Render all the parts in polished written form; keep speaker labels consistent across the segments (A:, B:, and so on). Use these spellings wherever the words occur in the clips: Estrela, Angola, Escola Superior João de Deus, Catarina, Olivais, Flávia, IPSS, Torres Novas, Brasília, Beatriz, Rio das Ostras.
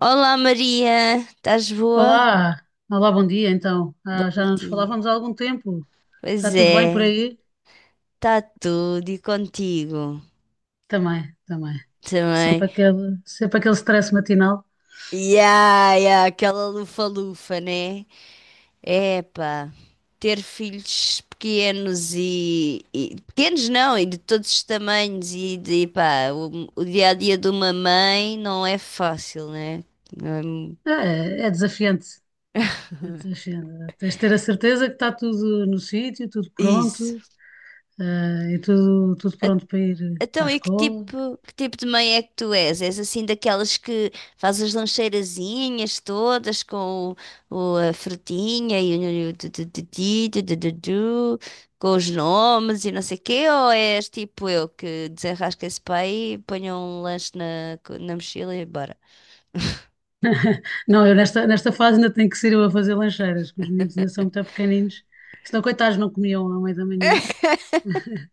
A: Olá, Maria, estás boa?
B: Olá, olá, bom dia então. Ah,
A: Bom
B: já não nos
A: dia.
B: falávamos há algum tempo. Está
A: Pois
B: tudo bem por
A: é,
B: aí?
A: está tudo, e contigo
B: Também, também.
A: também.
B: Sempre aquele stress matinal.
A: Ya, ya, aquela lufa-lufa, né? Epá, ter filhos pequenos, pequenos não, e de todos os tamanhos e de, pá, o dia-a-dia de uma mãe não é fácil, né? Não é mu-
B: É desafiante. É desafiante. Tens de ter a certeza que está tudo no sítio, tudo
A: Isso.
B: pronto, e tudo pronto para ir para a
A: Então, e que
B: escola.
A: tipo, que tipo de mãe é que tu és? És assim daquelas que faz as lancheirazinhas todas com a frutinha e o tu- tu- tu- ti, com os nomes e não sei o quê? Ou és tipo eu, que desenrasca esse pai e ponho um lanche na mochila e bora?
B: Não, eu nesta fase ainda tenho que ser eu a fazer lancheiras, que os miúdos ainda são muito pequeninos. Senão, coitados, não comiam à meia da manhã.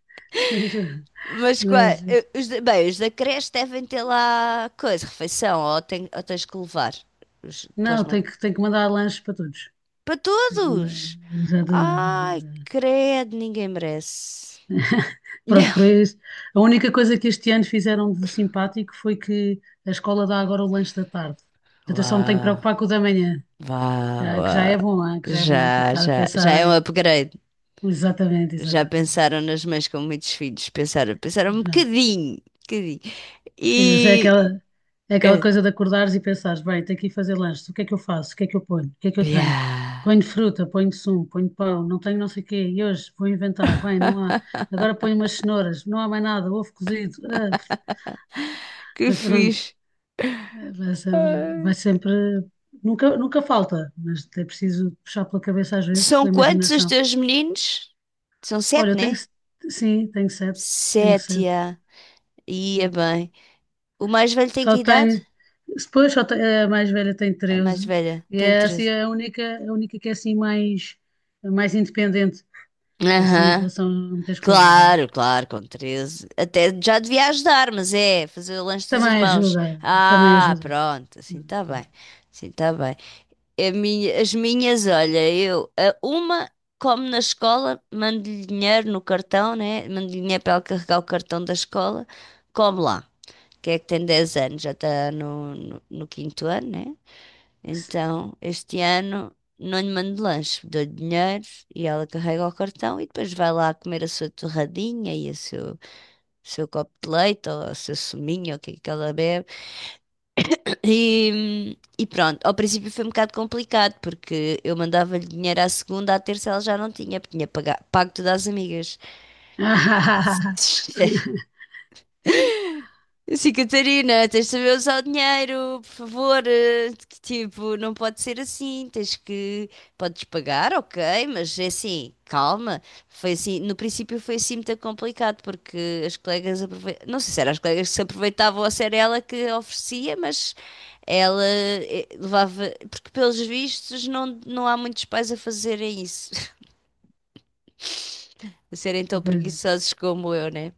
A: Mas qua-
B: Mas,
A: eh, bem, os da creche devem ter lá coisa, refeição, ou ou tens que levar os,
B: Não, tenho que mandar lanches para todos.
A: para
B: Tenho que mandar-
A: todos!
B: Já.
A: Ai, credo, ninguém merece.
B: Pronto, por isso. A única coisa que este ano fizeram de simpático foi que a escola dá agora o lanche da tarde. Portanto, eu só me tenho que
A: Vá,
B: preocupar com o da manhã,
A: vá,
B: já, que já
A: vá.
B: é bom, ah, que já é bom, não tenho
A: Já,
B: que estar a
A: já, já
B: pensar
A: é um
B: em.
A: upgrade.
B: Exatamente,
A: Já
B: exatamente.
A: pensaram nas mães com muitos filhos. Pensaram, pensaram um bocadinho, um bocadinho.
B: Sim, mas é
A: E.
B: aquela, é aquela
A: eh,
B: coisa de acordares e pensares, bem, tenho que ir fazer lanche, o que é que eu faço? O que é que eu ponho? O que é que eu
A: Ya,
B: tenho? Ponho fruta, ponho sumo, ponho pão, não tenho não sei o quê, e hoje vou inventar, bem, não há. Agora ponho umas cenouras, não há mais nada, ovo cozido,
A: que
B: mas pronto,
A: fixe.
B: eh, vai sempre, vai
A: Ai.
B: sempre, nunca falta, mas é preciso puxar pela cabeça às vezes,
A: São
B: pela
A: quantos os
B: imaginação.
A: teus meninos? São
B: Olha,
A: sete,
B: eu tenho,
A: né?
B: se- sim, tenho sete, tenho
A: Sete,
B: sete.
A: ya. Ia bem. O mais velho tem
B: Só
A: que idade?
B: tem. Depois só tem- A mais velha tem
A: A mais
B: 13
A: velha
B: e
A: tem
B: é assim
A: 13.
B: a única, que é assim mais independente, assim em
A: Aham.
B: relação a muitas coisas, não é?
A: Claro, claro, com 13 até já devia ajudar, mas é fazer o lanche dos
B: Também
A: irmãos.
B: ajuda, também
A: Ah,
B: ajuda.
A: pronto, assim está bem. Assim está bem. As minhas, olha, eu, a uma como na escola, mando-lhe dinheiro no cartão, né? Mando-lhe dinheiro para ela carregar o cartão da escola, come lá. Que é que tem 10 anos, já está no quinto ano, né? Então, este ano não lhe mando lanche, dou-lhe dinheiro e ela carrega o cartão e depois vai lá comer a sua torradinha e o seu, seu copo de leite ou o seu suminho, ou o que é que ela bebe. E pronto, ao princípio foi um bocado complicado, porque eu mandava-lhe dinheiro à segunda, à terça ela já não tinha, porque tinha pago tudo às amigas. Sim, Catarina, tens de saber usar o dinheiro, por favor. Que tipo, não pode ser assim. Tens que. Podes pagar, ok, mas é assim, calma. Foi assim, no princípio foi assim muito complicado, porque as colegas não sei se eram as colegas que se aproveitavam ou se era ela que oferecia, mas ela levava. Porque, pelos vistos, não, não há muitos pais a fazerem isso. A serem tão preguiçosos como eu, né?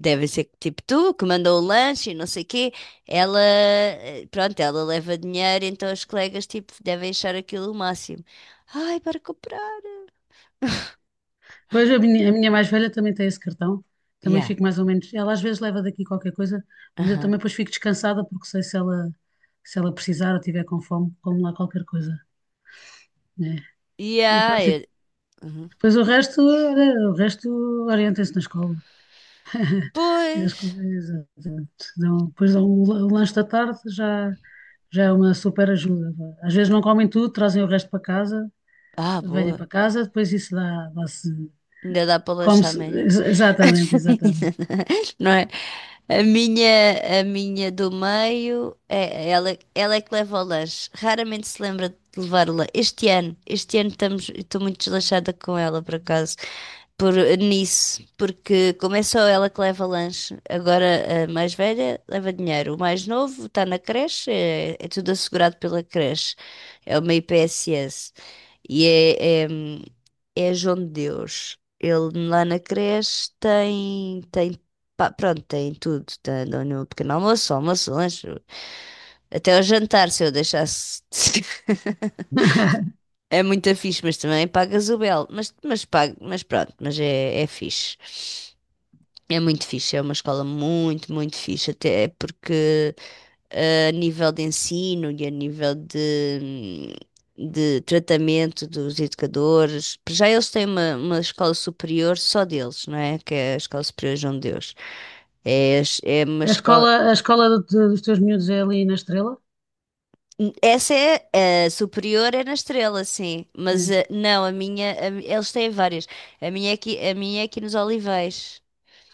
A: Deve ser tipo: tu que mandou o lanche e não sei o quê. Ela, pronto, ela leva dinheiro, então os colegas tipo devem achar aquilo o máximo. Ai, para comprar.
B: Pois a minha mais velha também tem esse cartão, também
A: Yeah,
B: fico mais ou menos. Ela às vezes leva daqui qualquer coisa, mas eu
A: aham.
B: também depois fico descansada porque sei se ela precisar ou tiver com fome, como lá qualquer coisa, né? E
A: Yeah,
B: pronto,
A: uhum.
B: Pois o resto orienta-se na escola. As
A: Pois.
B: coisas, exatamente. Depois dão o lanche da tarde, já é uma super ajuda. Às vezes não comem tudo, trazem o resto para casa,
A: Ah,
B: venha para
A: boa.
B: casa, depois isso dá-se,
A: Ainda dá para lanchar
B: come-se.
A: amanhã.
B: Exatamente, exatamente.
A: Não é? A minha do meio, é, ela é que leva o lanche. Raramente se lembra de levar o lanche. Este ano estamos, estou muito desleixada com ela, por acaso, por, nisso, porque como é só ela que leva lanche, agora a mais velha leva dinheiro, o mais novo está na creche, é, é tudo assegurado pela creche, é uma IPSS. E é, é, é João de Deus. Ele lá na creche tem, tem, pá, pronto, tem tudo. Tá, dão no pequeno almoço, almoço, lanche, até o jantar, se eu deixasse. É muito fixe, mas também pagas o belo. Mas, paga, mas pronto, mas é, é fixe. É muito fixe, é uma escola muito, muito fixe, até porque a nível de ensino e a nível de tratamento dos educadores. Para já eles têm uma escola superior só deles, não é? Que é a Escola Superior João de Deus. É, é uma
B: A
A: escola.
B: escola, a escola dos teus miúdos é ali na Estrela?
A: Essa é a superior, é na Estrela, sim. Mas
B: É.
A: não, a minha, eles têm várias. A minha é aqui, a minha é aqui nos Olivais.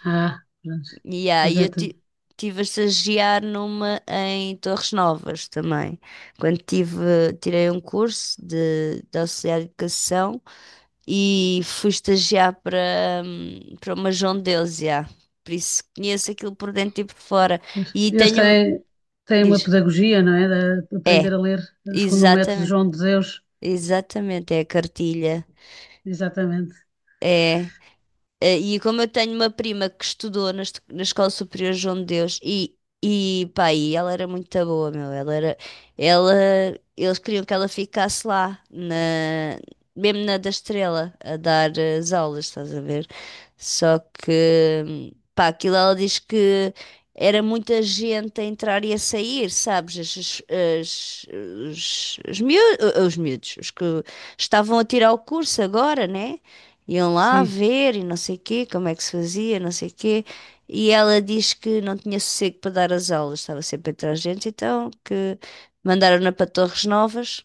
B: Ah, pronto.
A: E
B: Pois
A: aí
B: é.
A: eu
B: tu-
A: ti- tive a estagiar numa em Torres Novas também. Quando tive, tirei um curso de auxiliar de educação e fui estagiar para, para uma João de Deus, já. Por isso conheço aquilo por dentro e por fora.
B: pois.
A: E
B: Eles
A: tenho,
B: têm uma
A: diz,
B: pedagogia, não é? De aprender
A: é,
B: a ler segundo o método
A: exatamente,
B: João de Deus.
A: exatamente, é a cartilha.
B: Exatamente.
A: É. E como eu tenho uma prima que estudou na Escola Superior João de Deus, e pá, e ela era muito boa, meu. Ela era, ela, eles queriam que ela ficasse lá, mesmo na da Estrela, a dar as aulas, estás a ver? Só que, pá, aquilo ela diz que era muita gente a entrar e a sair, sabes? Os, os miú- os miúdos, os que estavam a tirar o curso agora, né? Iam lá
B: Sim.
A: ver e não sei quê, como é que se fazia, não sei quê. E ela diz que não tinha sossego para dar as aulas, estava sempre atrás de gente, então que mandaram-na para Torres Novas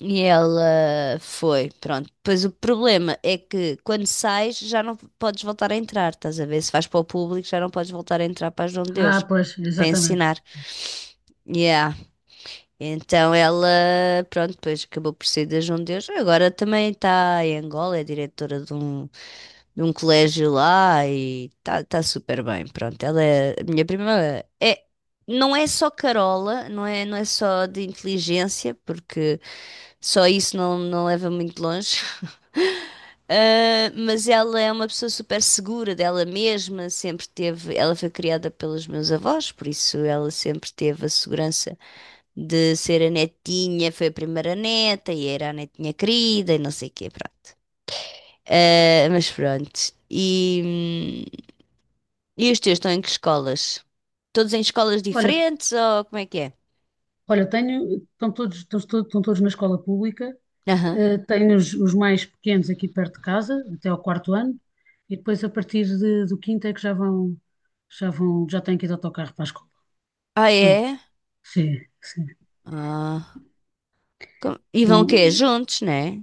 A: e ela foi, pronto. Pois o problema é que quando sais já não podes voltar a entrar, estás a ver? Se vais para o público já não podes voltar a entrar para as Dom de Deus,
B: Ah, pois,
A: para
B: exatamente.
A: ensinar. Yeah. Então ela, pronto, depois acabou por sair da João de Deus. Agora também está em Angola, é diretora de um, colégio lá, e tá super bem. Pronto, ela é a minha prima. É, não é só Carola, não é só de inteligência, porque só isso não, não leva muito longe. Ah, mas ela é uma pessoa super segura dela mesma, sempre teve, ela foi criada pelos meus avós, por isso ela sempre teve a segurança de ser a netinha, foi a primeira neta e era a netinha querida e não sei o quê, pronto. Mas pronto. E os teus estão em que escolas? Todos em escolas
B: Olha,
A: diferentes ou como é que é?
B: olha, eu tenho, estão todos, estão, todos estão todos na escola pública,
A: Aham.
B: tenho os mais pequenos aqui perto de casa, até ao quarto ano, e depois a partir do quinto é que já vão, já têm que ir de autocarro para a escola.
A: Ah,
B: Ah,
A: é?
B: sim, sim.
A: Ah, como? E vão o quê?
B: Bom,
A: Juntos, né?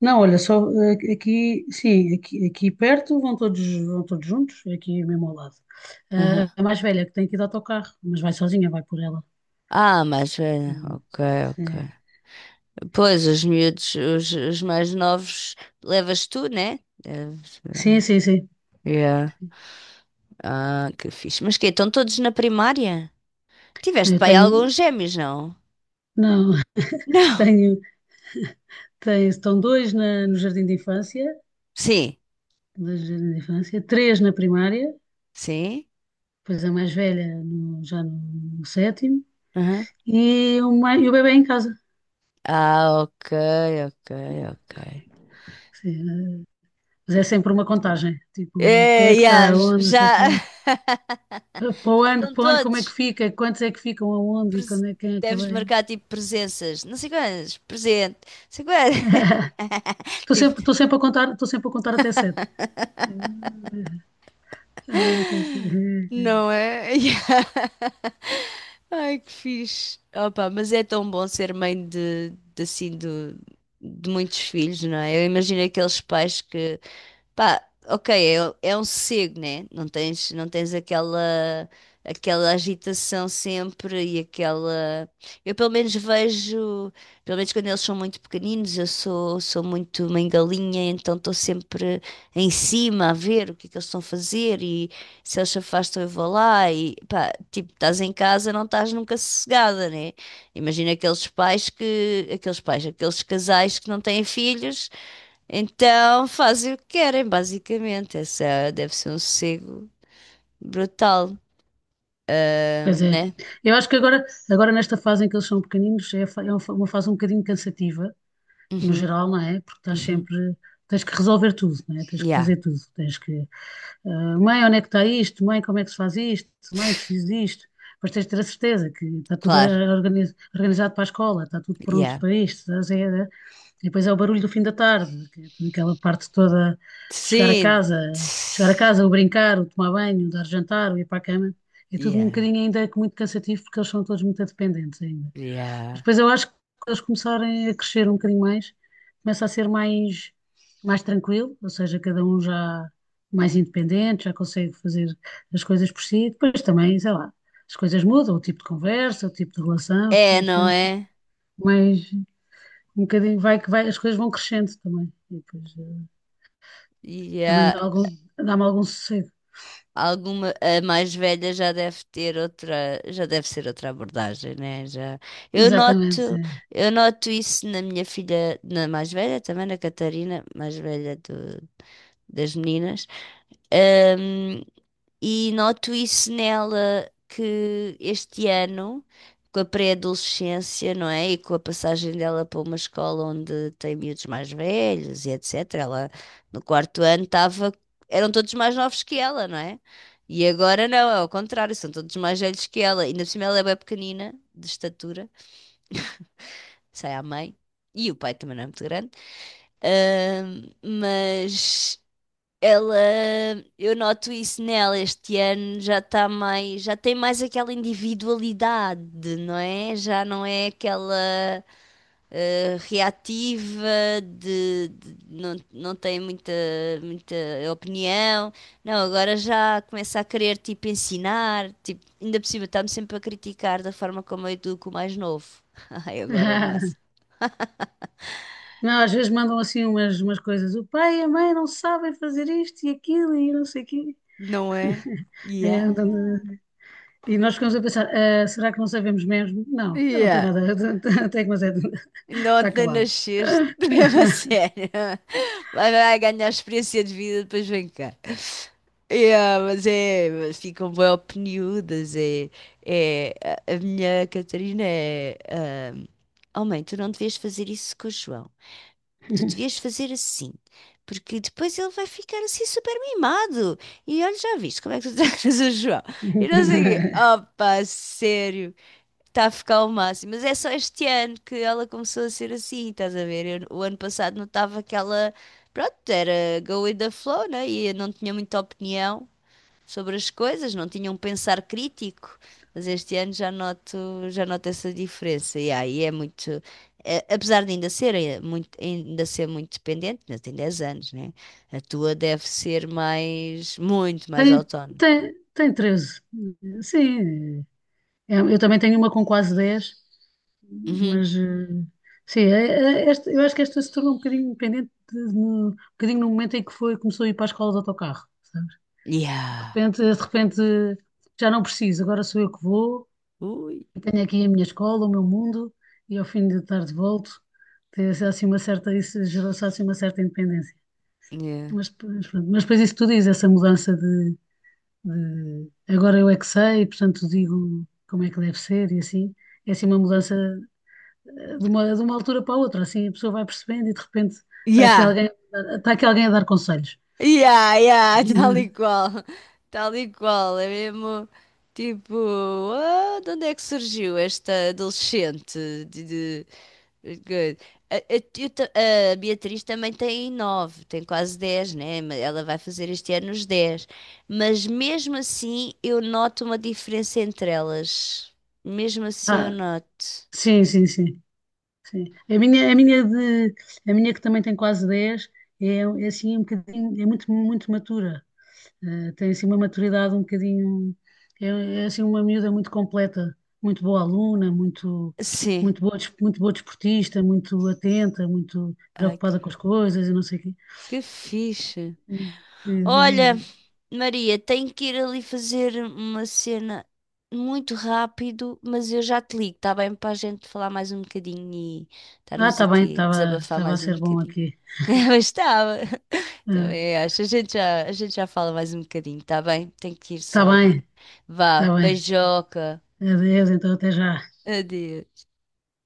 B: não, olha, só aqui, sim, aqui perto vão todos juntos, aqui mesmo ao lado. Eh,
A: Aham.
B: a mais velha que tem que ir de autocarro, mas vai sozinha, vai por ela.
A: Ah, mas
B: Hum,
A: ok, ok.
B: sim.
A: Pois, os miúdos, os mais novos, levas tu, né?
B: Sim, sim, sim.
A: Yeah. Ah, que fixe. Mas quê? Estão todos na primária? Tiveste
B: Eu
A: pai
B: tenho,
A: alguns gêmeos, não?
B: não,
A: Não.
B: tenho, tenho, estão dois no jardim de infância,
A: Sim,
B: dois no jardim de infância, três na primária,
A: sim.
B: depois a mais velha já no sétimo, e o bebê em casa.
A: Ah, ok, ok, ok.
B: Sim, mas é sempre uma contagem, tipo, quem
A: É,
B: é que está
A: yeah,
B: aonde, não sei o
A: já
B: quê. Para o ano,
A: estão
B: para o ano como é que
A: todos.
B: fica, quantos é que ficam aonde e
A: Pres-
B: quando é, quem é que
A: Deves
B: vem.
A: marcar tipo presenças, não sei quantas, presente, não sei quantas. Tipo,
B: Estou sempre a contar, estou sempre a contar até sete. Eh, A ver o que é que.
A: não é? Yeah. Ai, que fixe. Opa, mas é tão bom ser mãe de, de muitos filhos, não é? Eu imagino aqueles pais que pá, ok, é, um sossego, né? Não tens, não tens aquela agitação sempre e aquela. Eu pelo menos vejo, pelo menos quando eles são muito pequeninos, eu sou muito mangalinha, então estou sempre em cima a ver o que é que eles estão a fazer e se eles se afastam eu vou lá e pá, tipo, estás em casa, não estás nunca sossegada, né? Imagina aqueles pais que, aqueles pais, aqueles casais que não têm filhos. Então fazem o que querem, basicamente. Essa deve ser um sossego brutal,
B: Pois é.
A: né?
B: Eu acho que agora, nesta fase em que eles são pequeninos, é uma uma fase um bocadinho cansativa, no
A: Uhum,
B: geral, não é? Porque estás
A: uhum.
B: sempre, tens que resolver tudo, não é? Tens que
A: Yeah,
B: fazer tudo, tens que, mãe, onde é que está isto? Mãe, como é que se faz isto? Mãe, preciso disto. Depois tens de ter a certeza que está tudo
A: claro.
B: organizado para a escola, está tudo pronto
A: Yeah.
B: para isto, estás a ver? E depois é o barulho do fim da tarde, que é aquela parte toda de chegar a
A: Sim.
B: casa, chegar a
A: Tss.
B: casa, o brincar, o tomar banho, o dar jantar, o ir para a cama. É tudo um
A: Yeah.
B: bocadinho ainda muito cansativo porque eles são todos muito dependentes ainda.
A: Yeah.
B: Depois eu acho que quando eles começarem a crescer um bocadinho mais, começa a ser mais tranquilo, ou seja, cada um já mais independente, já consegue fazer as coisas por si. Depois também, sei lá, as coisas mudam, o tipo de conversa, o tipo de relação,
A: É,
B: as
A: não
B: coisas ficam
A: é?
B: mais um bocadinho, vai que vai, as coisas vão crescendo também. E depois também me
A: Yeah.
B: dá algum, dá-me algum sossego.
A: Alguma, a mais velha já deve ter outra, já deve ser outra abordagem, né? Já. Eu
B: Exatamente.
A: noto,
B: Sim.
A: eu noto isso na minha filha, na mais velha também, na Catarina, mais velha do, das meninas. Ahm, e noto isso nela que este ano, com a pré-adolescência, não é? E com a passagem dela para uma escola onde tem miúdos mais velhos e etc. Ela no quarto ano estava, eram todos mais novos que ela, não é? E agora não, é ao contrário, são todos mais velhos que ela. Ainda por cima ela é bem pequenina, de estatura, sai à mãe. E o pai também não é muito grande. Mas ela, eu noto isso nela este ano, já está mais, já tem mais aquela individualidade, não é? Já não é aquela reativa não, não tem muita opinião. Não, agora já começa a querer tipo ensinar, tipo, ainda por cima está-me sempre a criticar da forma como eu educo o mais novo. Ai, agora é o
B: Ah,
A: máximo.
B: não, às vezes mandam assim umas coisas, o pai e a mãe não sabem fazer isto e aquilo e não sei o quê.
A: Não é?
B: É,
A: Yeah.
B: então, e nós ficamos a pensar, "Ah, será que não sabemos mesmo? Não, ela não tem
A: Yeah.
B: nada, até que mas é,
A: Ainda
B: está
A: ontem
B: calada.
A: nasceste, mesmo a sério. Vai, vai ganhar experiência de vida, depois vem cá. Yeah, mas é, mas ficam bem opiniudas. É, é, a minha Catarina é. Ah, oh, mãe, tu não devias fazer isso com o João. Tu devias fazer assim, porque depois ele vai ficar assim super mimado. E olha, já viste como é que tu tratas o João. E não sei o quê. Opa, sério. Está a ficar ao máximo. Mas é só este ano que ela começou a ser assim, estás a ver? O ano passado notava que ela, pronto, era go with the flow, né? E eu não tinha muita opinião sobre as coisas, não tinha um pensar crítico. Mas este ano já noto essa diferença. E aí é muito. Apesar de ainda ser, é muito, ainda ser muito dependente, ainda tem 10 anos, né? A tua deve ser mais, muito mais
B: Tem,
A: autónoma.
B: tem treze. Sim, é, eu também tenho uma com quase 10.
A: Uhum.
B: Mas sim, eu acho que esta se tornou um bocadinho independente, um bocadinho no momento em que foi, começou a ir para a escola de autocarro, sabes? De
A: Yeah.
B: repente, de repente já não preciso, agora sou eu que vou.
A: Ui.
B: Tenho aqui a minha escola, o meu mundo, e ao fim de tarde volto, ter assim uma certa, isso gerou-se assim uma certa independência.
A: Yeah.
B: Mas, pois, pronto, mas depois isso que tu dizes essa mudança de, agora eu é que sei, portanto digo como é que deve ser e assim. É assim uma mudança de uma altura para a outra, assim a pessoa vai percebendo e de repente está aqui
A: Yeah.
B: alguém, está aqui alguém a dar conselhos.
A: Yeah, yeah, tal e qual. Tal e qual. É mesmo tipo, ah, de onde é que surgiu esta adolescente? De, de- Good. A, a- eu ta- a Beatriz também tem 9, tem quase 10, né? Ela vai fazer este ano os 10. Mas mesmo assim eu noto uma diferença entre elas. Mesmo assim eu
B: Ah,
A: noto.
B: sim, sim, sim. Sim. A minha que também tem quase 10 é assim um bocadinho, é muito, muito matura. Tem assim uma maturidade um bocadinho, é, é assim uma miúda muito completa, muito boa aluna, muito,
A: Sim.
B: muito boa, muito boa desportista, muito atenta, muito
A: Ai, que
B: preocupada com as coisas e não sei o quê.
A: que fixe.
B: Eh,
A: Olha,
B: eh,
A: Maria, tenho que ir ali fazer uma cena muito rápido, mas eu já te ligo, está bem? Para a gente falar mais um bocadinho e
B: Ah,
A: estarmos
B: está bem,
A: aqui a
B: estava,
A: desabafar
B: estava a
A: mais um
B: ser bom
A: bocadinho.
B: aqui.
A: Mas estava. Também acho. A gente já fala mais um bocadinho, está bem? Tenho que ir
B: Está
A: só ali.
B: bem,
A: Vá,
B: está bem.
A: beijoca.
B: Adeus, então até já.
A: Adeus.